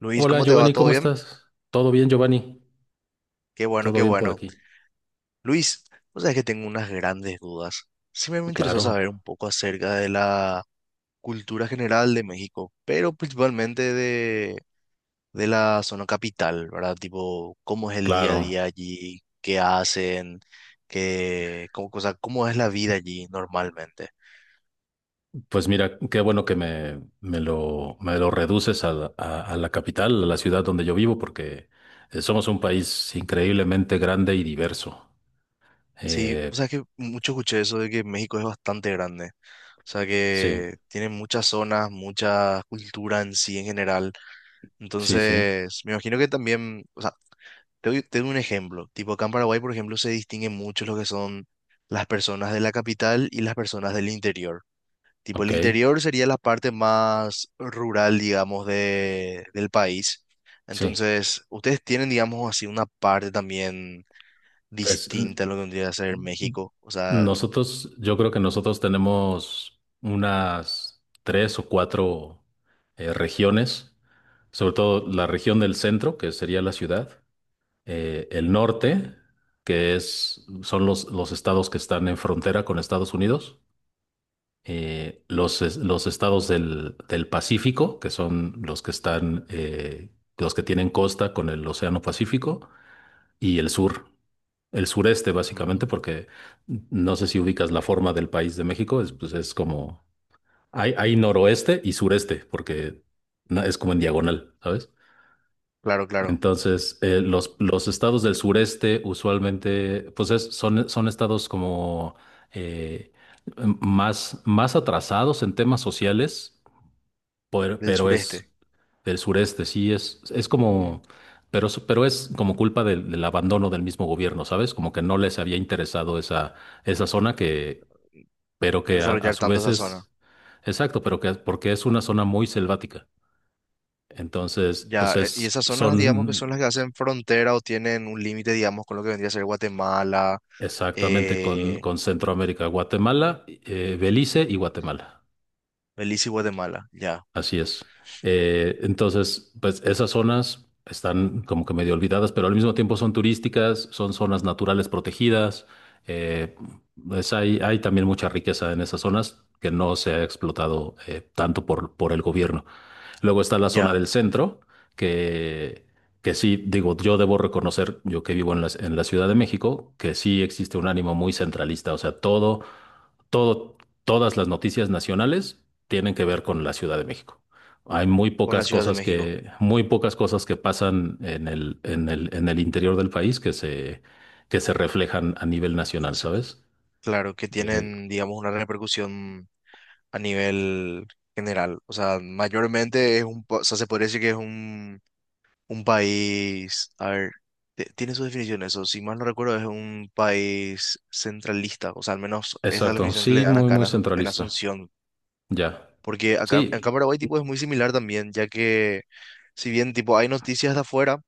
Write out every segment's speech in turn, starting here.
Luis, Hola ¿cómo te va? Giovanni, ¿Todo ¿cómo bien? estás? ¿Todo bien, Giovanni? Qué bueno, ¿Todo qué bien por bueno. aquí? Luis, vos sabés que tengo unas grandes dudas. Siempre me interesó Claro, saber un poco acerca de la cultura general de México, pero principalmente de la zona capital, ¿verdad? Tipo, ¿cómo es el día a claro. día allí? ¿Qué hacen? ¿Qué, cómo, o sea, cómo es la vida allí normalmente? Pues mira, qué bueno que me lo reduces a, a la capital, a la ciudad donde yo vivo, porque somos un país increíblemente grande y diverso. Sí, o Eh, sea, que mucho escuché eso de que México es bastante grande. O sea sí, que tiene muchas zonas, mucha cultura en sí en general. sí, sí. Entonces, me imagino que también, o sea, te doy un ejemplo. Tipo, acá en Paraguay, por ejemplo, se distinguen mucho lo que son las personas de la capital y las personas del interior. Tipo, Ok, el interior sería la parte más rural, digamos, del país. sí. Entonces, ustedes tienen, digamos, así una parte también Pues distinta a lo que vendría a ser México. O sea, nosotros, yo creo que nosotros tenemos unas tres o cuatro regiones, sobre todo la región del centro, que sería la ciudad. El norte, que es, son los estados que están en frontera con Estados Unidos, los estados del Pacífico, que son los que están, los que tienen costa con el Océano Pacífico, y el sur, el sureste básicamente, ujú, porque no sé si ubicas la forma del país de México, es, pues es como, hay noroeste y sureste, porque es como en diagonal, ¿sabes? claro, claro, Entonces, eh, pues, los, los estados del sureste usualmente, pues son estados como eh, más, más atrasados en temas sociales, del pero, es sureste. del sureste, sí, es como, Ujú. Pero es como culpa del abandono del mismo gobierno, ¿sabes? Como que no les había interesado esa zona que, pero que a Desarrollar su tanto vez esa zona. es, exacto, pero que porque es una zona muy selvática. Entonces, Ya, pues y es, esas zonas, digamos, que son son las que hacen frontera o tienen un límite, digamos, con lo que vendría a ser Guatemala, exactamente, con, eh, con Centroamérica, Guatemala, Belice y Guatemala. Belice y Guatemala, ya, Así es. Entonces, pues esas zonas están como que medio olvidadas, pero al mismo tiempo son turísticas, son zonas naturales protegidas. eh, pues hay también mucha riqueza en esas zonas que no se ha explotado tanto por el gobierno. Luego está la zona ya, del centro, que, que sí, digo, yo debo reconocer, yo que vivo en la Ciudad de México, que sí existe un ánimo muy centralista. O sea, todo, todas las noticias nacionales tienen que ver con la Ciudad de México. Hay con la Ciudad de México. Muy pocas cosas que pasan en el interior del país que se reflejan a nivel nacional, Eso, ¿sabes? claro, que Eh, tienen, digamos, una repercusión a nivel general. O sea, mayormente es un, pa- o sea, se podría decir que es un país, a ver, te- tiene su definición eso, si mal no recuerdo, es un país centralista, o sea, al menos esa es la exacto, definición que le sí, dan muy, acá en muy Asun- en centralista. Asunción. Ya. Porque acá, acá en Sí. Paraguay tipo es muy similar también, ya que si bien tipo hay noticias de afuera,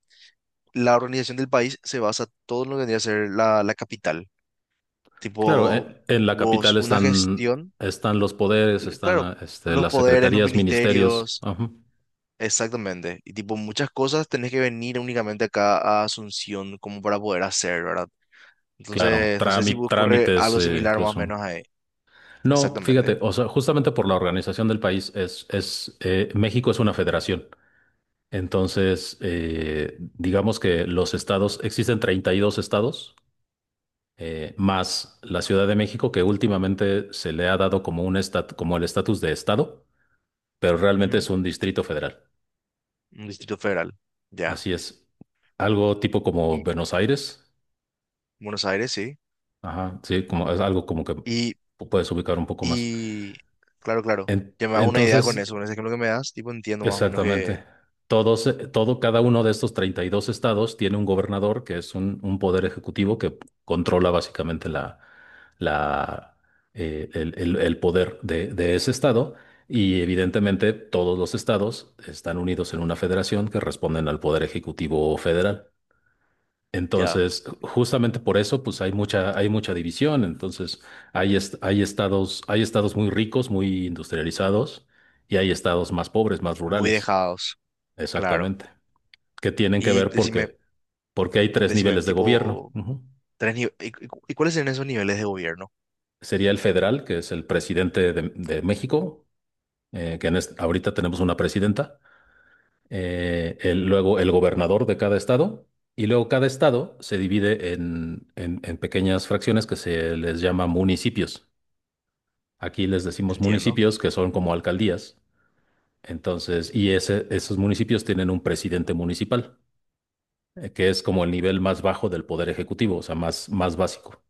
la organización del país se basa todo en lo que vendría a ser la capital. Claro, Tipo, en la hubo capital una están, gestión, están los poderes, cl- claro, están este, los las poderes, los secretarías, ministerios, ministerios, ajá. exactamente. Y tipo, muchas cosas tenés que venir únicamente acá a Asunción como para poder hacer, ¿verdad? Claro, Entonces, no sé si ocurre trámites algo similar más o incluso. menos ahí. No, fíjate, Exactamente. o sea, justamente por la organización del país es, México es una federación. Entonces, Ujú, digamos que los estados, existen 32 estados, más la Ciudad de México, que últimamente se le ha dado como como el estatus de estado, pero realmente ujú. es un distrito federal. Un distrito federal. Ya. Así es. Algo tipo como Y Buenos Aires. Buenos Aires, sí. Ajá, sí, como es algo como que Y puedes ubicar un poco más. y claro, claro, En- ya me hago una idea entonces, con eso, con ese ejemplo que me das, tipo entiendo más o menos que exactamente. Cada uno de estos 32 estados tiene un gobernador que es un poder ejecutivo que controla básicamente la, el poder de ese estado. Y evidentemente todos los estados están unidos en una federación que responden al poder ejecutivo federal. ya, Entonces, justamente por eso, pues hay mucha división. Entonces, hay estados muy ricos, muy industrializados, y hay estados más pobres, más muy rurales. dejados, claro. Exactamente. Que tienen que Y ver decime, porque hay tres decime, niveles de gobierno. tipo, Ujú. tres nive- ¿y, y cuáles son esos niveles de gobierno? Sería el federal, que es el presidente de México, ahorita tenemos una presidenta. Luego el gobernador de cada estado. Y luego cada estado se divide en, en pequeñas fracciones que se les llama municipios. Aquí les decimos Entiendo. municipios que son como alcaldías. Entonces, esos municipios tienen un presidente municipal, que es como el nivel más bajo del poder ejecutivo, o sea, más, más básico.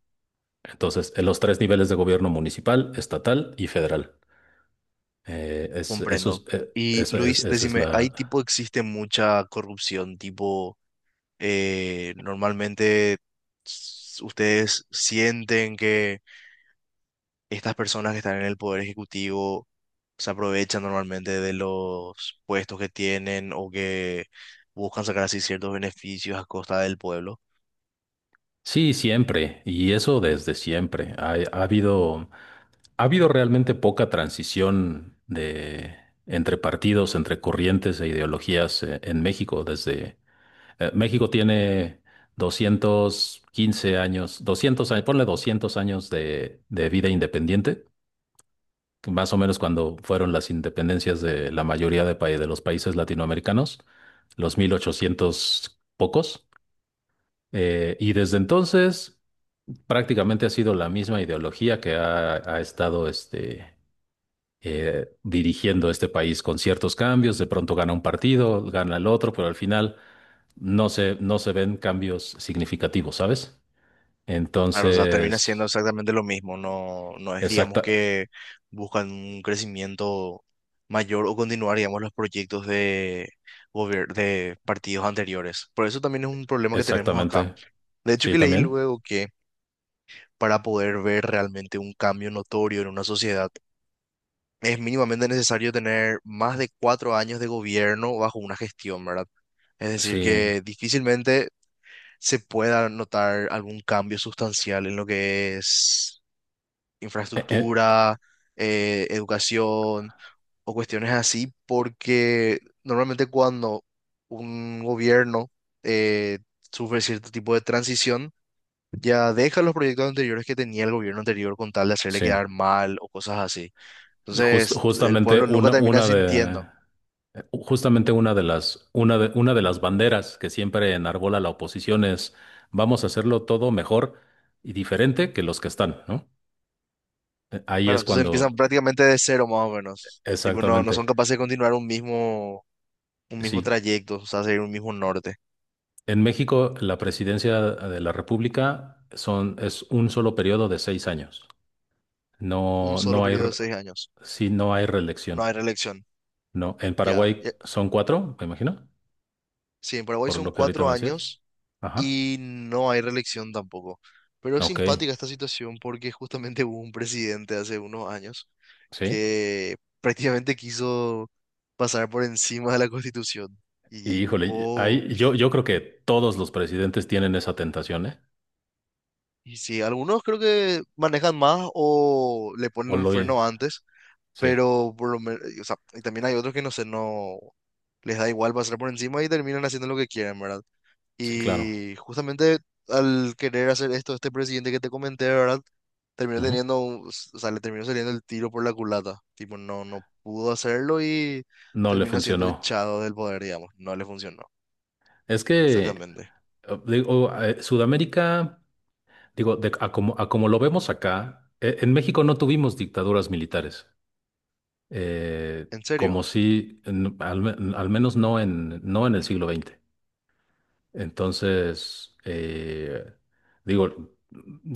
Entonces, en los tres niveles de gobierno municipal, estatal y federal. Eh, es, eso es, Comprendo. eh, Y eso es- Luis, esa es decime, ahí la... tipo existe mucha corrupción, tipo, normalmente s- ustedes sienten que estas personas que están en el poder ejecutivo se aprovechan normalmente de los puestos que tienen o que buscan sacar así ciertos beneficios a costa del pueblo. Sí, siempre, y eso desde siempre. Ha habido realmente poca transición de, entre partidos, entre corrientes e ideologías, en México desde... México tiene 215 años, 200 años, ponle 200 años de vida independiente, más o menos cuando fueron las independencias de la mayoría de los países latinoamericanos, los 1800 pocos. Y desde entonces prácticamente ha sido la misma ideología que ha estado este, dirigiendo este país con ciertos cambios. De pronto gana un partido, gana el otro, pero al final no se ven cambios significativos, ¿sabes? Claro, o sea, termina siendo Entonces, exactamente lo mismo, no, no es, digamos, exacta, que buscan un crecimiento mayor o continuar, digamos, los proyectos de, gobier- de partidos anteriores. Por eso también es un problema que tenemos acá. exactamente. De hecho, Sí, que leí también. luego que para poder ver realmente un cambio notorio en una sociedad, es mínimamente necesario tener más de 4 años de gobierno bajo una gestión, ¿verdad? Es decir, Sí. que difícilmente se pueda notar algún cambio sustancial en lo que es Eh, eh, infraestructura, educación o cuestiones así, porque normalmente cuando un gobierno eh, sufre cierto tipo de transición, ya deja los proyectos anteriores que tenía el gobierno anterior con tal de hacerle sí. quedar mal o cosas así. Entonces, el Justamente pueblo nunca termina sintiendo. Una de las banderas que siempre enarbola la oposición es vamos a hacerlo todo mejor y diferente que los que están, ¿no? Eh, Ahí Claro, es entonces empiezan cuando, prácticamente de cero más o menos. Tipo, no, no Exactamente. son capaces de continuar un mismo Sí. trayecto, o sea, seguir un mismo norte. En México, la presidencia de la República son, es un solo periodo de 6 años. Un No, solo no hay, periodo de 6 años. sí, no hay No reelección. hay reelección. No, en Ya, Paraguay son cuatro, me imagino, sí, en Paraguay por son lo que ahorita cuatro me decías. años Ajá, y no hay reelección tampoco. Pero es ok, simpática esta situación porque justamente hubo un presidente hace unos años sí. que prácticamente quiso pasar por encima de la Constitución y Y híjole, buscó, ahí, yo creo que todos los presidentes tienen esa tentación, ¿eh? y sí, algunos creo que manejan más o le O ponen un lo, freno antes, sí, pero por lo menos, y también hay otros que no sé, no les da igual pasar por encima y terminan haciendo lo que quieren, ¿verdad? sí, claro. Y justamente al querer hacer esto, este presidente que te comenté, ¿verdad? Terminó Ujú. teniendo, un- o sea, le terminó saliendo el tiro por la culata. Tipo, no, no pudo hacerlo y No le terminó siendo funcionó. echado del poder, digamos. No le funcionó. Es que, Exactamente. digo, Sudamérica, digo, a como lo vemos acá, en México no tuvimos dictaduras militares. eh, ¿En como serio? si, al menos no en el siglo XX. Entonces, digo,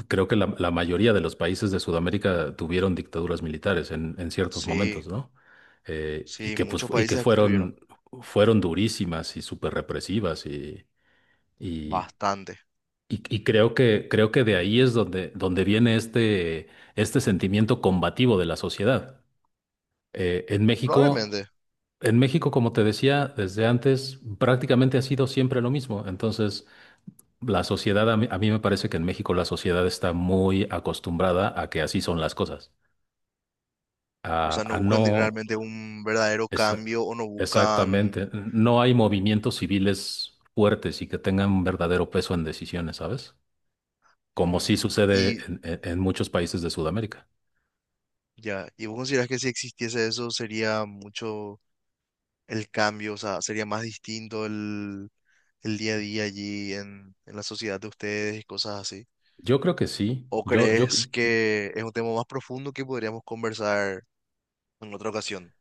creo que la mayoría de los países de Sudamérica tuvieron dictaduras militares en ciertos Sí, momentos, ¿no? Y sí, que, pues, muchos y que países aquí tuvieron. fueron durísimas y súper represivas y, Bastante. Y creo que de ahí es donde viene este sentimiento combativo de la sociedad. Eh, en México, Probablemente. en México, como te decía, desde antes prácticamente ha sido siempre lo mismo. Entonces, la sociedad, a mí me parece que en México la sociedad está muy acostumbrada a que así son las cosas, O a, sea, no a buscan de- no, realmente un verdadero esa- cambio o no buscan... exactamente, no hay movimientos civiles fuertes y que tengan un verdadero peso en decisiones, ¿sabes? Como sí Mm, sucede y en en muchos países de Sudamérica. ya, ¿y vos considerás que si existiese eso sería mucho... el cambio, o sea, sería más distinto el día a día allí en la sociedad de ustedes y cosas así. Yo creo que sí. ¿O crees que es un tema más profundo que podríamos conversar en otra ocasión?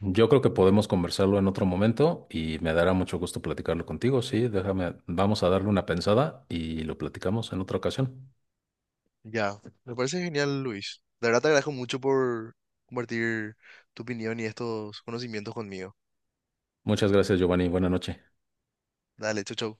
Yo creo que podemos conversarlo en otro momento y me dará mucho gusto platicarlo contigo. Sí, déjame, vamos a darle una pensada y lo platicamos en otra ocasión. Ya, me parece genial, Luis. De verdad te agradezco mucho por compartir tu opinión y estos conocimientos conmigo. Muchas gracias, Giovanni. Buena noche. Dale, chau, chau.